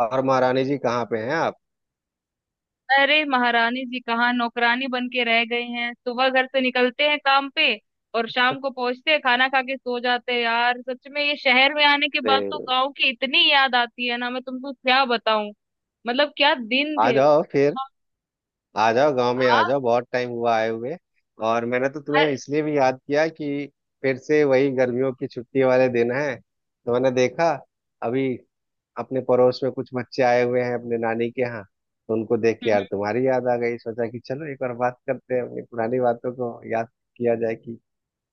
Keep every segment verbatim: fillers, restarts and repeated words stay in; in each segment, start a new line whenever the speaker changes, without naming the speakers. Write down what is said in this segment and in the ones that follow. और महारानी जी कहाँ पे हैं आप?
अरे महारानी जी कहाँ नौकरानी बन के रह गई हैं। सुबह घर से निकलते हैं काम पे और शाम को पहुंचते हैं, खाना खा के सो जाते हैं। यार सच में ये शहर में आने के बाद
अरे,
तो गांव की इतनी याद आती है ना, मैं तुमको क्या बताऊं। मतलब क्या दिन
आ
थे वो।
जाओ फिर। आ जाओ गांव में आ
आ,
जाओ, बहुत टाइम हुआ आए हुए। और मैंने तो तुम्हें
अरे
इसलिए भी याद किया कि फिर से वही गर्मियों की छुट्टी वाले दिन है, तो मैंने देखा अभी अपने पड़ोस में कुछ बच्चे आए हुए हैं अपने नानी के यहाँ, तो उनको देख
हम्म,
के
हम्म।
यार तुम्हारी याद आ गई। सोचा कि चलो एक बार बात करते हैं, अपनी पुरानी बातों को याद किया जाए कि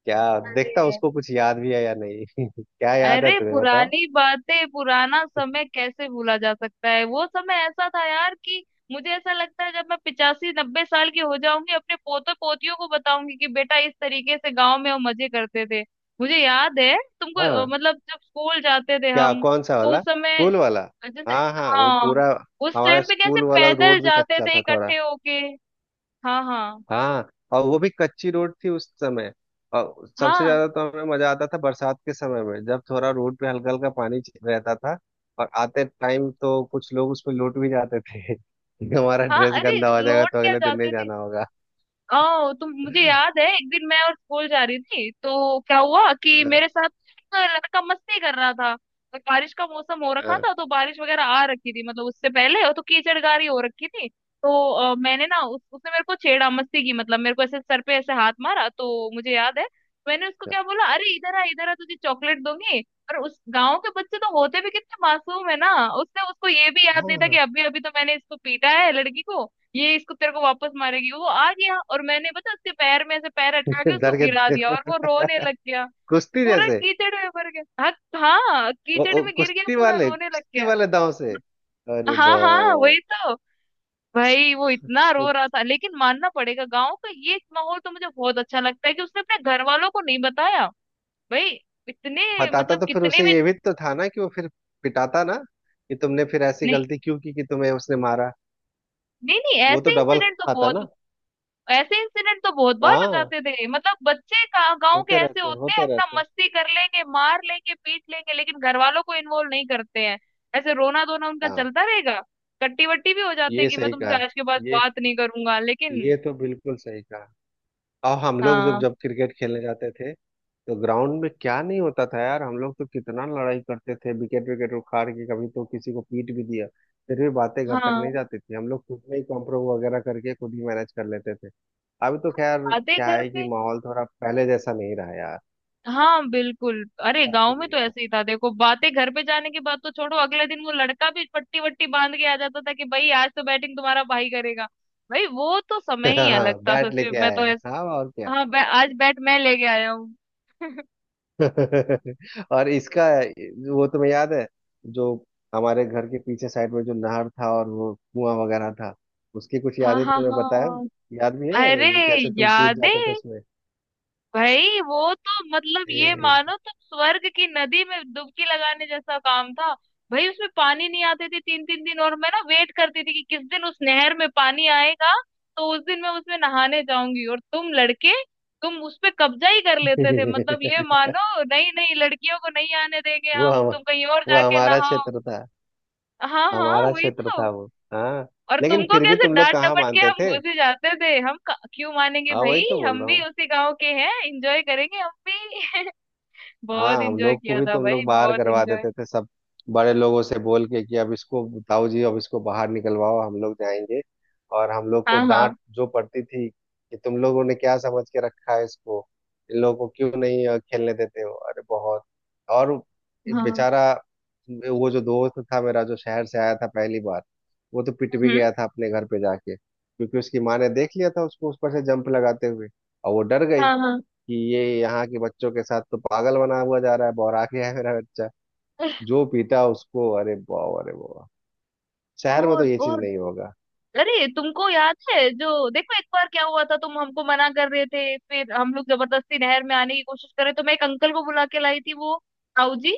क्या देखता
अरे
उसको कुछ याद भी है या नहीं। क्या याद है
अरे
तुम्हें, बताओ।
पुरानी बातें, पुराना समय कैसे भूला जा सकता है। वो समय ऐसा था यार कि मुझे ऐसा लगता है, जब मैं पिचासी नब्बे साल की हो जाऊंगी अपने पोते पोतियों को बताऊंगी कि बेटा इस तरीके से गांव में हम मजे करते थे। मुझे याद है तुमको अ,
हाँ,
मतलब जब स्कूल जाते थे
क्या?
हम
कौन सा
तो
वाला?
उस समय
स्कूल वाला?
जैसे,
हाँ हाँ, वो
हाँ,
पूरा
उस
हमारा
टाइम पे कैसे
स्कूल वाला
पैदल
रोड भी
जाते
कच्चा
थे
था थोड़ा।
इकट्ठे होके। हाँ हाँ।
हाँ, और वो भी कच्ची रोड थी उस समय। और सबसे
हाँ
ज्यादा तो हमें मजा आता था बरसात के समय में, जब थोड़ा रोड पे हल्का हल्का पानी च- रहता था। और आते टाइम तो कुछ लोग उसमें लौट भी जाते थे कि हमारा
हाँ।
ड्रेस
अरे
गंदा हो जाएगा
लौट
तो
क्या
अगले दिन नहीं
जाते थे।
जाना होगा।
ओ तुम, मुझे याद है, एक दिन मैं और स्कूल जा रही थी तो क्या हुआ कि
हाँ
मेरे साथ एक लड़का मस्ती कर रहा था। तो बारिश का मौसम हो रखा
हाँ,
था, तो बारिश वगैरह आ रखी थी मतलब उससे पहले, और तो कीचड़ गारी हो रखी थी। तो अ, मैंने ना उस, उसने मेरे को छेड़ा मस्ती की। मतलब मेरे को ऐसे सर पे ऐसे हाथ मारा, तो मुझे याद है मैंने उसको क्या बोला, अरे इधर आ इधर आ तुझे चॉकलेट दूंगी। और उस गांव के बच्चे तो होते भी कितने मासूम है ना, उसने उसको ये भी याद नहीं था कि
हाँ।
अभी अभी तो मैंने इसको पीटा है लड़की को, ये इसको तेरे को वापस मारेगी। वो आ गया और मैंने पता उसके पैर में ऐसे पैर अटका के उसको
डर के
गिरा दिया
थे।
और वो रोने लग गया।
कुश्ती
पूरा
जैसे।
कीचड़ में भर गया, हाँ। हाँ
वो,
कीचड़
वो
में गिर गया,
कुश्ती
पूरा
वाले,
रोने लग
कुश्ती
गया।
वाले दांव से, अरे
हाँ हाँ
बाप।
वही तो। भाई वो इतना रो रहा था, लेकिन मानना पड़ेगा गाँव का ये माहौल तो मुझे बहुत अच्छा लगता है कि उसने अपने घर वालों को नहीं बताया। भाई इतने
बताता
मतलब
तो फिर
कितने
उसे
में।
ये भी तो था ना कि वो फिर पिटाता ना, कि तुमने फिर ऐसी
नहीं
गलती क्यों की कि तुम्हें उसने मारा।
नहीं, नहीं
वो तो
ऐसे
डबल
इंसिडेंट तो
खाता
बहुत,
ना।
ऐसे इंसिडेंट तो बहुत बार हो
हाँ,
जाते थे। मतलब बच्चे का- गांव के
होते
ऐसे
रहते हैं,
होते हैं,
होते
अपना
रहते हैं।
मस्ती कर लेंगे, मार लेंगे, पीट लेंगे, लेकिन घर वालों को इन्वॉल्व नहीं करते हैं। ऐसे रोना धोना उनका
हाँ,
चलता रहेगा, कट्टी वट्टी भी हो जाते हैं
ये
कि मैं
सही
तुमसे
कहा।
आज के बाद
ये
बात नहीं करूंगा, लेकिन
ये तो बिल्कुल सही कहा। और हम लोग जब
हाँ
जब क्रिकेट खेलने जाते थे, तो ग्राउंड में क्या नहीं होता था यार। हम लोग तो कितना लड़ाई करते थे, विकेट विकेट उखाड़ के कभी तो किसी को पीट भी दिया। फिर भी बातें घर तक नहीं
हाँ।
जाती थी, हम लोग खुद में ही कॉम्प्रो वगैरह करके खुद ही मैनेज कर लेते थे। अभी तो खैर
बातें
क्या
घर
है कि
पे,
माहौल थोड़ा पहले जैसा नहीं रहा यार।
हाँ बिल्कुल। अरे
अभी
गांव में तो
नहीं
ऐसे ही था देखो, बातें घर पे जाने की बात तो छोड़ो, अगले दिन वो लड़का भी पट्टी वट्टी बांध के आ जाता था कि भाई आज तो बैटिंग तुम्हारा भाई करेगा। भाई वो तो समय ही
रहा।
अलग था,
बैट
सच में।
लेके
मैं
आया
तो
है।
ऐसे
हाँ, और क्या।
हाँ, बै, आज बैट मैं लेके आया हूँ।
और इसका, वो तुम्हें याद है जो हमारे घर के पीछे साइड में जो नहर था और वो कुआं वगैरह था? उसकी कुछ
हाँ
यादें
हाँ
तुम्हें बताया?
हाँ।
याद भी है
अरे
कैसे तुम कूद
यादें,
जाते थे उसमें?
भाई वो तो मतलब ये
ए,
मानो तुम स्वर्ग की नदी में डुबकी लगाने जैसा काम था। भाई उसमें पानी नहीं आते थे तीन तीन दिन, और मैं ना वेट करती थी कि किस दिन उस नहर में पानी आएगा। तो उस दिन मैं उसमें नहाने जाऊंगी और तुम लड़के, तुम उस पे कब्जा ही कर लेते थे। मतलब ये मानो, नहीं नहीं लड़कियों को नहीं आने देंगे
वो
हम,
हम,
तुम कहीं और
वो
जाके
हमारा
नहाओ।
क्षेत्र था।
हाँ हाँ
हमारा
वही
क्षेत्र था
तो।
वो। हाँ।
और
लेकिन
तुमको
फिर भी
कैसे
तुम लोग
डांट
कहाँ
डपट के
मानते
हम
थे।
घुस ही जाते थे। हम क- क्यों मानेंगे
हाँ,
भाई,
वही तो बोल
हम
रहा
भी
हूँ।
उसी गांव के हैं, एंजॉय करेंगे हम भी।
हाँ,
बहुत
हम
एंजॉय
लोग को
किया
भी
था
तुम लोग
भाई,
बाहर
बहुत
करवा
एंजॉय।
देते थे सब, बड़े लोगों से बोल के कि अब इसको, ताऊ जी अब इसको बाहर निकलवाओ हम लोग जाएंगे। और हम लोग को
हाँ हाँ
डांट जो पड़ती थी कि तुम लोगों ने क्या समझ के रखा है इसको, इन लोगों को क्यों नहीं अ, खेलने देते हो अरे बहुत। और एक
हाँ।
बेचारा, वो जो दोस्त था मेरा जो शहर से आया था पहली बार, वो तो पिट भी
हम्म।
गया था अपने घर पे जाके क्योंकि उसकी माँ ने देख लिया था उसको ऊपर से जंप लगाते हुए। और वो डर गई
हाँ हाँ।
कि ये यहाँ के बच्चों के साथ तो पागल बना हुआ जा रहा है, बौरा गया है मेरा बच्चा। जो पीता है उसको, अरे वाह अरे वाह, शहर में तो
और
ये चीज
और
नहीं होगा।
अरे तुमको याद है जो, देखो एक बार क्या हुआ था, तुम हमको मना कर रहे थे, फिर हम लोग जबरदस्ती नहर में आने की कोशिश कर रहे, तो मैं एक अंकल को बुला के लाई थी, वो ताऊ जी।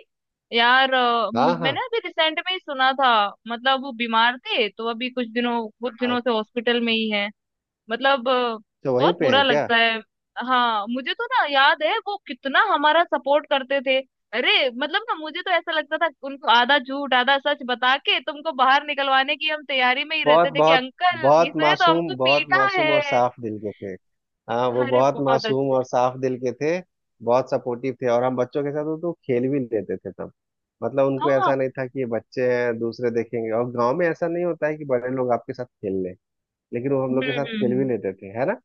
यार अ, मुझ
हाँ हाँ,
मैंने अभी रिसेंट में ही सुना था, मतलब वो बीमार थे, तो अभी कुछ दिनों कुछ
हाँ।
दिनों से हॉस्पिटल में ही है। मतलब अ,
तो वहीं
बहुत
पे
बुरा
है क्या?
लगता है। हाँ मुझे तो ना याद है वो कितना हमारा सपोर्ट करते थे। अरे मतलब ना मुझे तो ऐसा लगता था उनको आधा झूठ आधा सच बता के तुमको बाहर निकलवाने की हम तैयारी में ही
बहुत
रहते थे कि
बहुत,
अंकल
बहुत
इसने तो हमको
मासूम, बहुत
पीटा
मासूम और
है।
साफ दिल के थे। हाँ, वो
अरे
बहुत
बहुत
मासूम
अच्छे।
और साफ दिल के थे। बहुत सपोर्टिव थे, और हम बच्चों के साथ वो तो खेल भी लेते थे तब। मतलब उनको
हाँ
ऐसा नहीं था कि ये बच्चे हैं, दूसरे देखेंगे, और गांव में ऐसा नहीं होता है कि बड़े लोग आपके साथ खेल लें। लेकिन वो हम
हम्म
लोग के
हम्म
साथ खेल भी
हम्म।
लेते थे, है ना।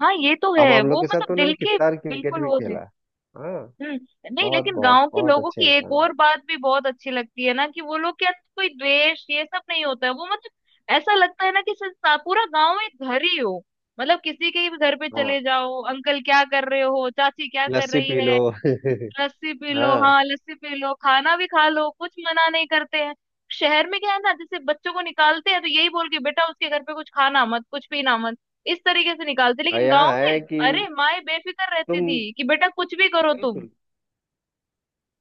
हाँ ये तो
हम
है
हम लोग
वो,
के साथ तो
मतलब दिल
उन्होंने
के
कितना क्रिकेट
बिल्कुल
भी
वो थे।
खेला है। हाँ,
हम्म। नहीं
बहुत
लेकिन
बहुत,
गांव के
बहुत
लोगों
अच्छे
की एक
इंसान है।
और बात भी बहुत अच्छी लगती है ना कि वो लोग के अंदर कोई द्वेष ये सब नहीं होता है। वो मतलब ऐसा लगता है ना कि संसा- पूरा गांव एक घर ही हो। मतलब किसी के भी घर पे
हाँ,
चले जाओ, अंकल क्या कर रहे हो, चाची क्या कर
लस्सी
रही
पी लो।
है, लस्सी पी लो,
हाँ,
हाँ लस्सी पी लो, खाना भी खा लो, कुछ मना नहीं करते हैं। शहर में क्या है ना, जैसे बच्चों को निकालते हैं तो यही बोल के, बेटा उसके घर पे कुछ खाना मत कुछ पीना मत, इस तरीके से निकालते,
और
लेकिन
यहाँ
गांव में
है कि
अरे माए बेफिक्र रहती
तुम,
थी कि बेटा कुछ भी करो तुम।
बिल्कुल,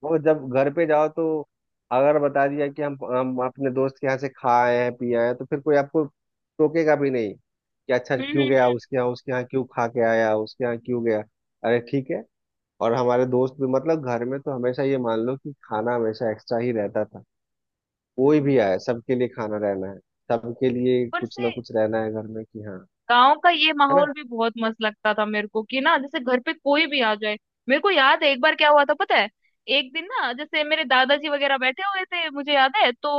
वो जब घर पे जाओ तो अगर बता दिया कि हम हम अपने दोस्त के यहाँ से खा आए हैं पी आए हैं तो फिर कोई आपको टोकेगा भी नहीं कि अच्छा
हम्म
क्यों
हम्म,
गया उसके यहाँ, उसके यहाँ क्यों खा के आया, उसके यहाँ क्यों गया। अरे ठीक है। और हमारे दोस्त भी, मतलब घर में तो हमेशा ये मान लो कि खाना हमेशा एक्स्ट्रा ही रहता था। कोई
हम्म,
भी आए
हम्म।
सबके लिए खाना रहना है, सबके लिए
ऊपर
कुछ ना
से
कुछ रहना है घर में, कि हाँ,
गांव का ये
है ना।
माहौल भी बहुत मस्त लगता था मेरे को कि ना, जैसे घर पे कोई भी आ जाए। मेरे को याद है एक बार क्या हुआ था पता है। एक दिन ना जैसे मेरे दादाजी वगैरह बैठे हुए थे, मुझे याद है। तो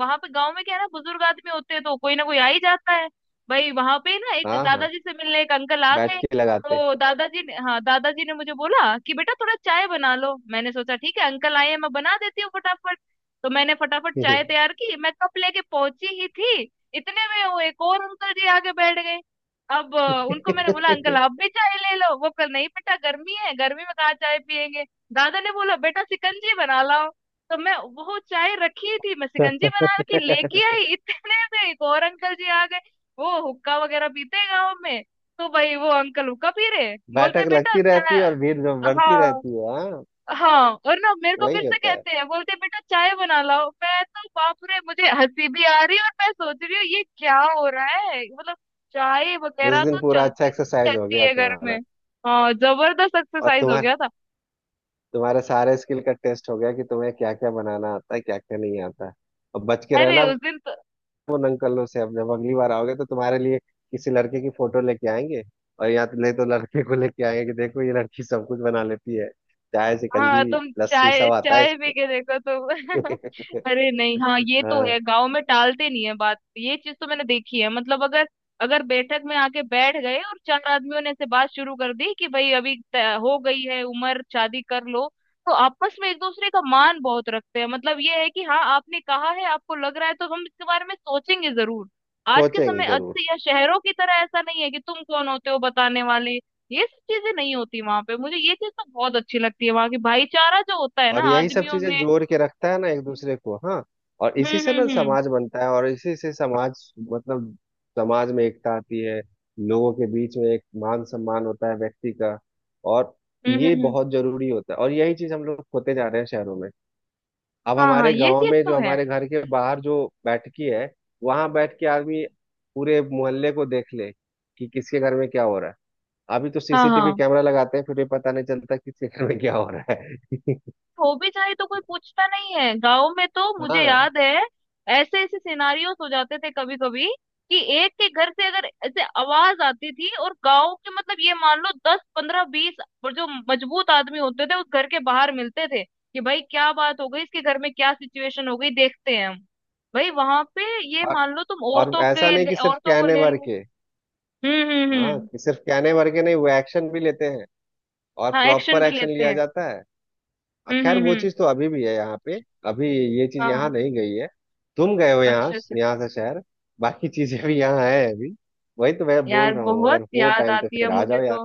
वहां पे गांव में क्या है ना, बुजुर्ग आदमी होते हैं तो कोई ना कोई आ ही जाता है। भाई वहां पे ना एक
हाँ हाँ,
दादाजी से मिलने एक अंकल आ
बैठ
गए।
के लगाते।
तो दादाजी ने, हाँ दादाजी ने मुझे बोला कि बेटा थोड़ा चाय बना लो। मैंने सोचा ठीक है अंकल आए हैं, मैं बना देती हूँ फटाफट। तो मैंने फटाफट चाय तैयार की, मैं कप लेके पहुंची ही थी, इतने में वो एक और अंकल जी आगे बैठ गए। अब अ, उनको मैंने बोला अंकल आप भी चाय ले लो, वो कल नहीं बेटा गर्मी है, गर्मी में कहाँ चाय पियेंगे। दादा ने बोला बेटा शिकंजी बना लाओ। तो मैं, वो चाय रखी थी, मैं शिकंजी बना के लेके आई, इतने में एक और अंकल जी आ गए। वो हुक्का वगैरह पीते हैं गाँव में। तो भाई वो अंकल हुक्का पी रहे, बोलते
बैठक
बेटा
लगती रहती है
चाय।
और भीड़ जो बढ़ती
हाँ
रहती है, हाँ।
हाँ और ना मेरे को फिर
वही
से
होता है।
कहते हैं, बोलते हैं, बेटा चाय बना लाओ। मैं तो बाप रे, मुझे हंसी भी आ रही है और मैं सोच रही हूँ ये क्या हो रहा है मतलब। चाय
उस
वगैरह
दिन
तो
पूरा अच्छा
चलती ही
एक्सरसाइज हो
रहती
गया
है घर में।
तुम्हारा।
हाँ जबरदस्त
और
एक्सरसाइज हो
तुम्हार
गया था।
तुम्हारे सारे स्किल का टेस्ट हो गया, कि तुम्हें क्या क्या बनाना आता है क्या क्या नहीं आता। और बच के
अरे
रहना
उस दिन
उन अंकलों से, अब जब अगली बार आओगे तो तुम्हारे लिए किसी लड़के की फोटो लेके आएंगे। और यहाँ तो नहीं तो लड़के को लेके आएंगे, कि देखो ये लड़की सब कुछ बना लेती है, चाय
हाँ,
शिकंजी
तुम
लस्सी
चाय
सब आता है
चाय पी
इसको।
के देखो तुम। अरे नहीं हाँ ये तो
हाँ,
है, गांव में टालते नहीं है बात, ये चीज तो मैंने देखी है। मतलब अगर, अगर बैठक में आके बैठ गए और चार आदमियों ने ऐसे बात शुरू कर दी कि भाई अभी त- हो गई है उम्र शादी कर लो, तो आपस में एक दूसरे का मान बहुत रखते हैं। मतलब ये है कि हाँ आपने कहा है, आपको लग रहा है तो हम इसके बारे में सोचेंगे जरूर। आज के
सोचेंगे
समय आज
जरूर।
से, यह शहरों की तरह ऐसा नहीं है कि तुम कौन होते हो बताने वाले, ये सब चीजें नहीं होती वहां पे। मुझे ये चीज ना बहुत अच्छी लगती है, वहां की भाईचारा जो होता है
और
ना
यही सब
आदमियों
चीजें
में।
जोड़ के रखता है ना एक दूसरे को, हाँ। और इसी
हम्म
से ना
हम्म हम्म।
समाज बनता है, और इसी से समाज, मतलब समाज में एकता आती है, लोगों के बीच में एक मान सम्मान होता है व्यक्ति का। और
हम्म
ये
हम्म हम्म।
बहुत जरूरी होता है, और यही चीज हम लोग खोते जा रहे हैं शहरों में। अब
हाँ हाँ
हमारे
ये
गांव
चीज
में
तो
जो
है।
हमारे घर के बाहर जो बैठकी है, वहां बैठ के आदमी पूरे मोहल्ले को देख ले कि किसके घर में क्या हो रहा है। अभी तो
हाँ
सीसीटीवी
हाँ
कैमरा लगाते हैं फिर भी पता नहीं चलता किसके घर में क्या हो रहा है।
हो भी जाए तो कोई पूछता नहीं है गांव में। तो मुझे
हाँ।
याद है ऐसे ऐसे सिनारियोस हो जाते थे कभी कभी, कि एक के घर से अगर ऐसे आवाज आती थी और गांव के, मतलब ये मान लो दस पंद्रह बीस और जो मजबूत आदमी होते थे उस घर के बाहर मिलते थे कि भाई क्या बात हो गई, इसके घर में क्या सिचुएशन हो गई, देखते हैं हम। भाई वहां पे, ये
और
मान लो तुम
और
औरतों
ऐसा
के
नहीं कि
ले-
सिर्फ
औरतों को
कहने
ले
भर
लो।
के।
हम्म हम्म
हाँ,
हम्म।
कि सिर्फ कहने भर के नहीं, वो एक्शन भी लेते हैं। और
हाँ एक्शन
प्रॉपर
भी
एक्शन
लेते
लिया
हैं।
जाता है।
हम्म
खैर
हम्म
वो
हम्म।
चीज तो अभी भी है यहाँ पे, अभी ये चीज यहाँ
हाँ
नहीं गई है। तुम गए हो यहाँ,
अच्छा अच्छा।
यहाँ से शहर। बाकी चीजें भी यहाँ है अभी। वही तो मैं बोल
यार
रहा हूँ, अगर
बहुत
हो
याद
टाइम तो
आती है
फिर आ जाओ
मुझे
यार।
तो।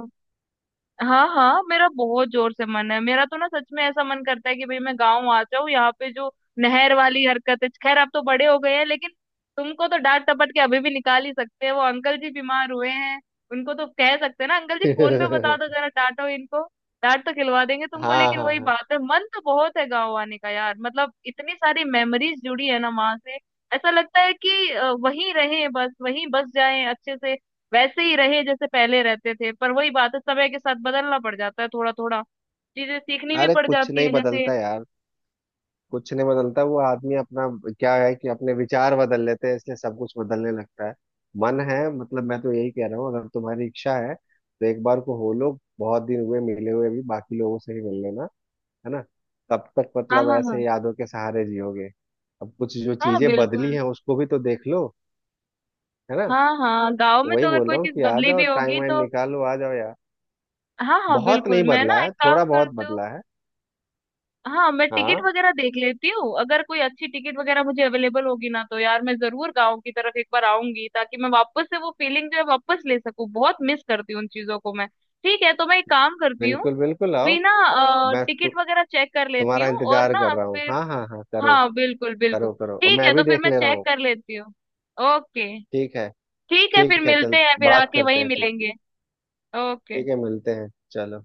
हाँ हाँ मेरा बहुत जोर से मन है। मेरा तो ना सच में ऐसा मन करता है कि भाई मैं गाँव आ जाऊँ। यहाँ पे जो नहर वाली हरकत है, खैर आप तो बड़े हो गए हैं, लेकिन तुमको तो डांट टपट के अभी भी निकाल ही सकते हैं। वो अंकल जी बीमार हुए हैं, उनको तो कह सकते हैं ना, अंकल जी फोन पे बता दो जरा, डांटो इनको, डांट तो खिलवा देंगे तुमको।
हाँ
लेकिन
हाँ
वही
हाँ।
बात है मन तो बहुत है गाँव आने का यार, मतलब इतनी सारी मेमोरीज जुड़ी है ना वहां से। ऐसा लगता है कि अ, वहीं रहें, बस वहीं बस जाएं अच्छे से, वैसे ही रहे जैसे पहले रहते थे। पर वही बात है, समय के साथ बदलना पड़ जाता है थोड़ा थोड़ा, चीजें सीखनी भी
अरे
पड़
कुछ
जाती
नहीं
है जैसे।
बदलता यार। कुछ नहीं बदलता। वो आदमी अपना, क्या है कि अपने विचार बदल लेते हैं इसलिए सब कुछ बदलने लगता है। मन है, मतलब मैं तो यही कह रहा हूँ अगर तुम्हारी इच्छा है तो एक बार को हो लो, बहुत दिन हुए मिले हुए भी, बाकी लोगों से ही मिल लेना, है ना। तब तक
हाँ
मतलब
हाँ हाँ।
ऐसे यादों के सहारे जियोगे। अब कुछ जो
हाँ
चीजें बदली
बिल्कुल।
हैं उसको भी तो देख लो, है ना।
हाँ हाँ गांव
तो
में
वही
तो अगर
बोल
कोई
रहा हूँ
चीज
कि आ
बदली
जाओ,
भी
टाइम
होगी
वाइम
तो,
निकालो, आ जाओ यार।
हाँ हाँ
बहुत
बिल्कुल।
नहीं
मैं
बदला
ना एक
है,
काम
थोड़ा बहुत
करती हूँ,
बदला है।
हाँ मैं टिकट
हाँ,
वगैरह देख लेती हूँ, अगर कोई अच्छी टिकट वगैरह मुझे अवेलेबल होगी ना, तो यार मैं जरूर गांव की तरफ एक बार आऊंगी, ताकि मैं वापस से वो फीलिंग जो है वापस ले सकूँ। बहुत मिस करती हूँ उन चीजों को मैं। ठीक है, तो मैं एक काम करती हूँ,
बिल्कुल बिल्कुल आओ।
बिना
मैं तु,
टिकट वगैरह चेक कर लेती
तुम्हारा
हूँ और
इंतजार
ना
कर रहा हूँ।
फिर,
हाँ हाँ हाँ, करो
हाँ बिल्कुल बिल्कुल।
करो करो, और
ठीक
मैं
है तो
भी
फिर
देख
मैं
ले रहा
चेक
हूँ।
कर लेती हूँ। ओके।
ठीक है।
ठीक है फिर
ठीक है,
मिलते
चल
हैं, फिर
बात
आके
करते
वहीं
हैं, ठीक ठीक।
मिलेंगे। ओके।
ठीक है, मिलते हैं, चलो।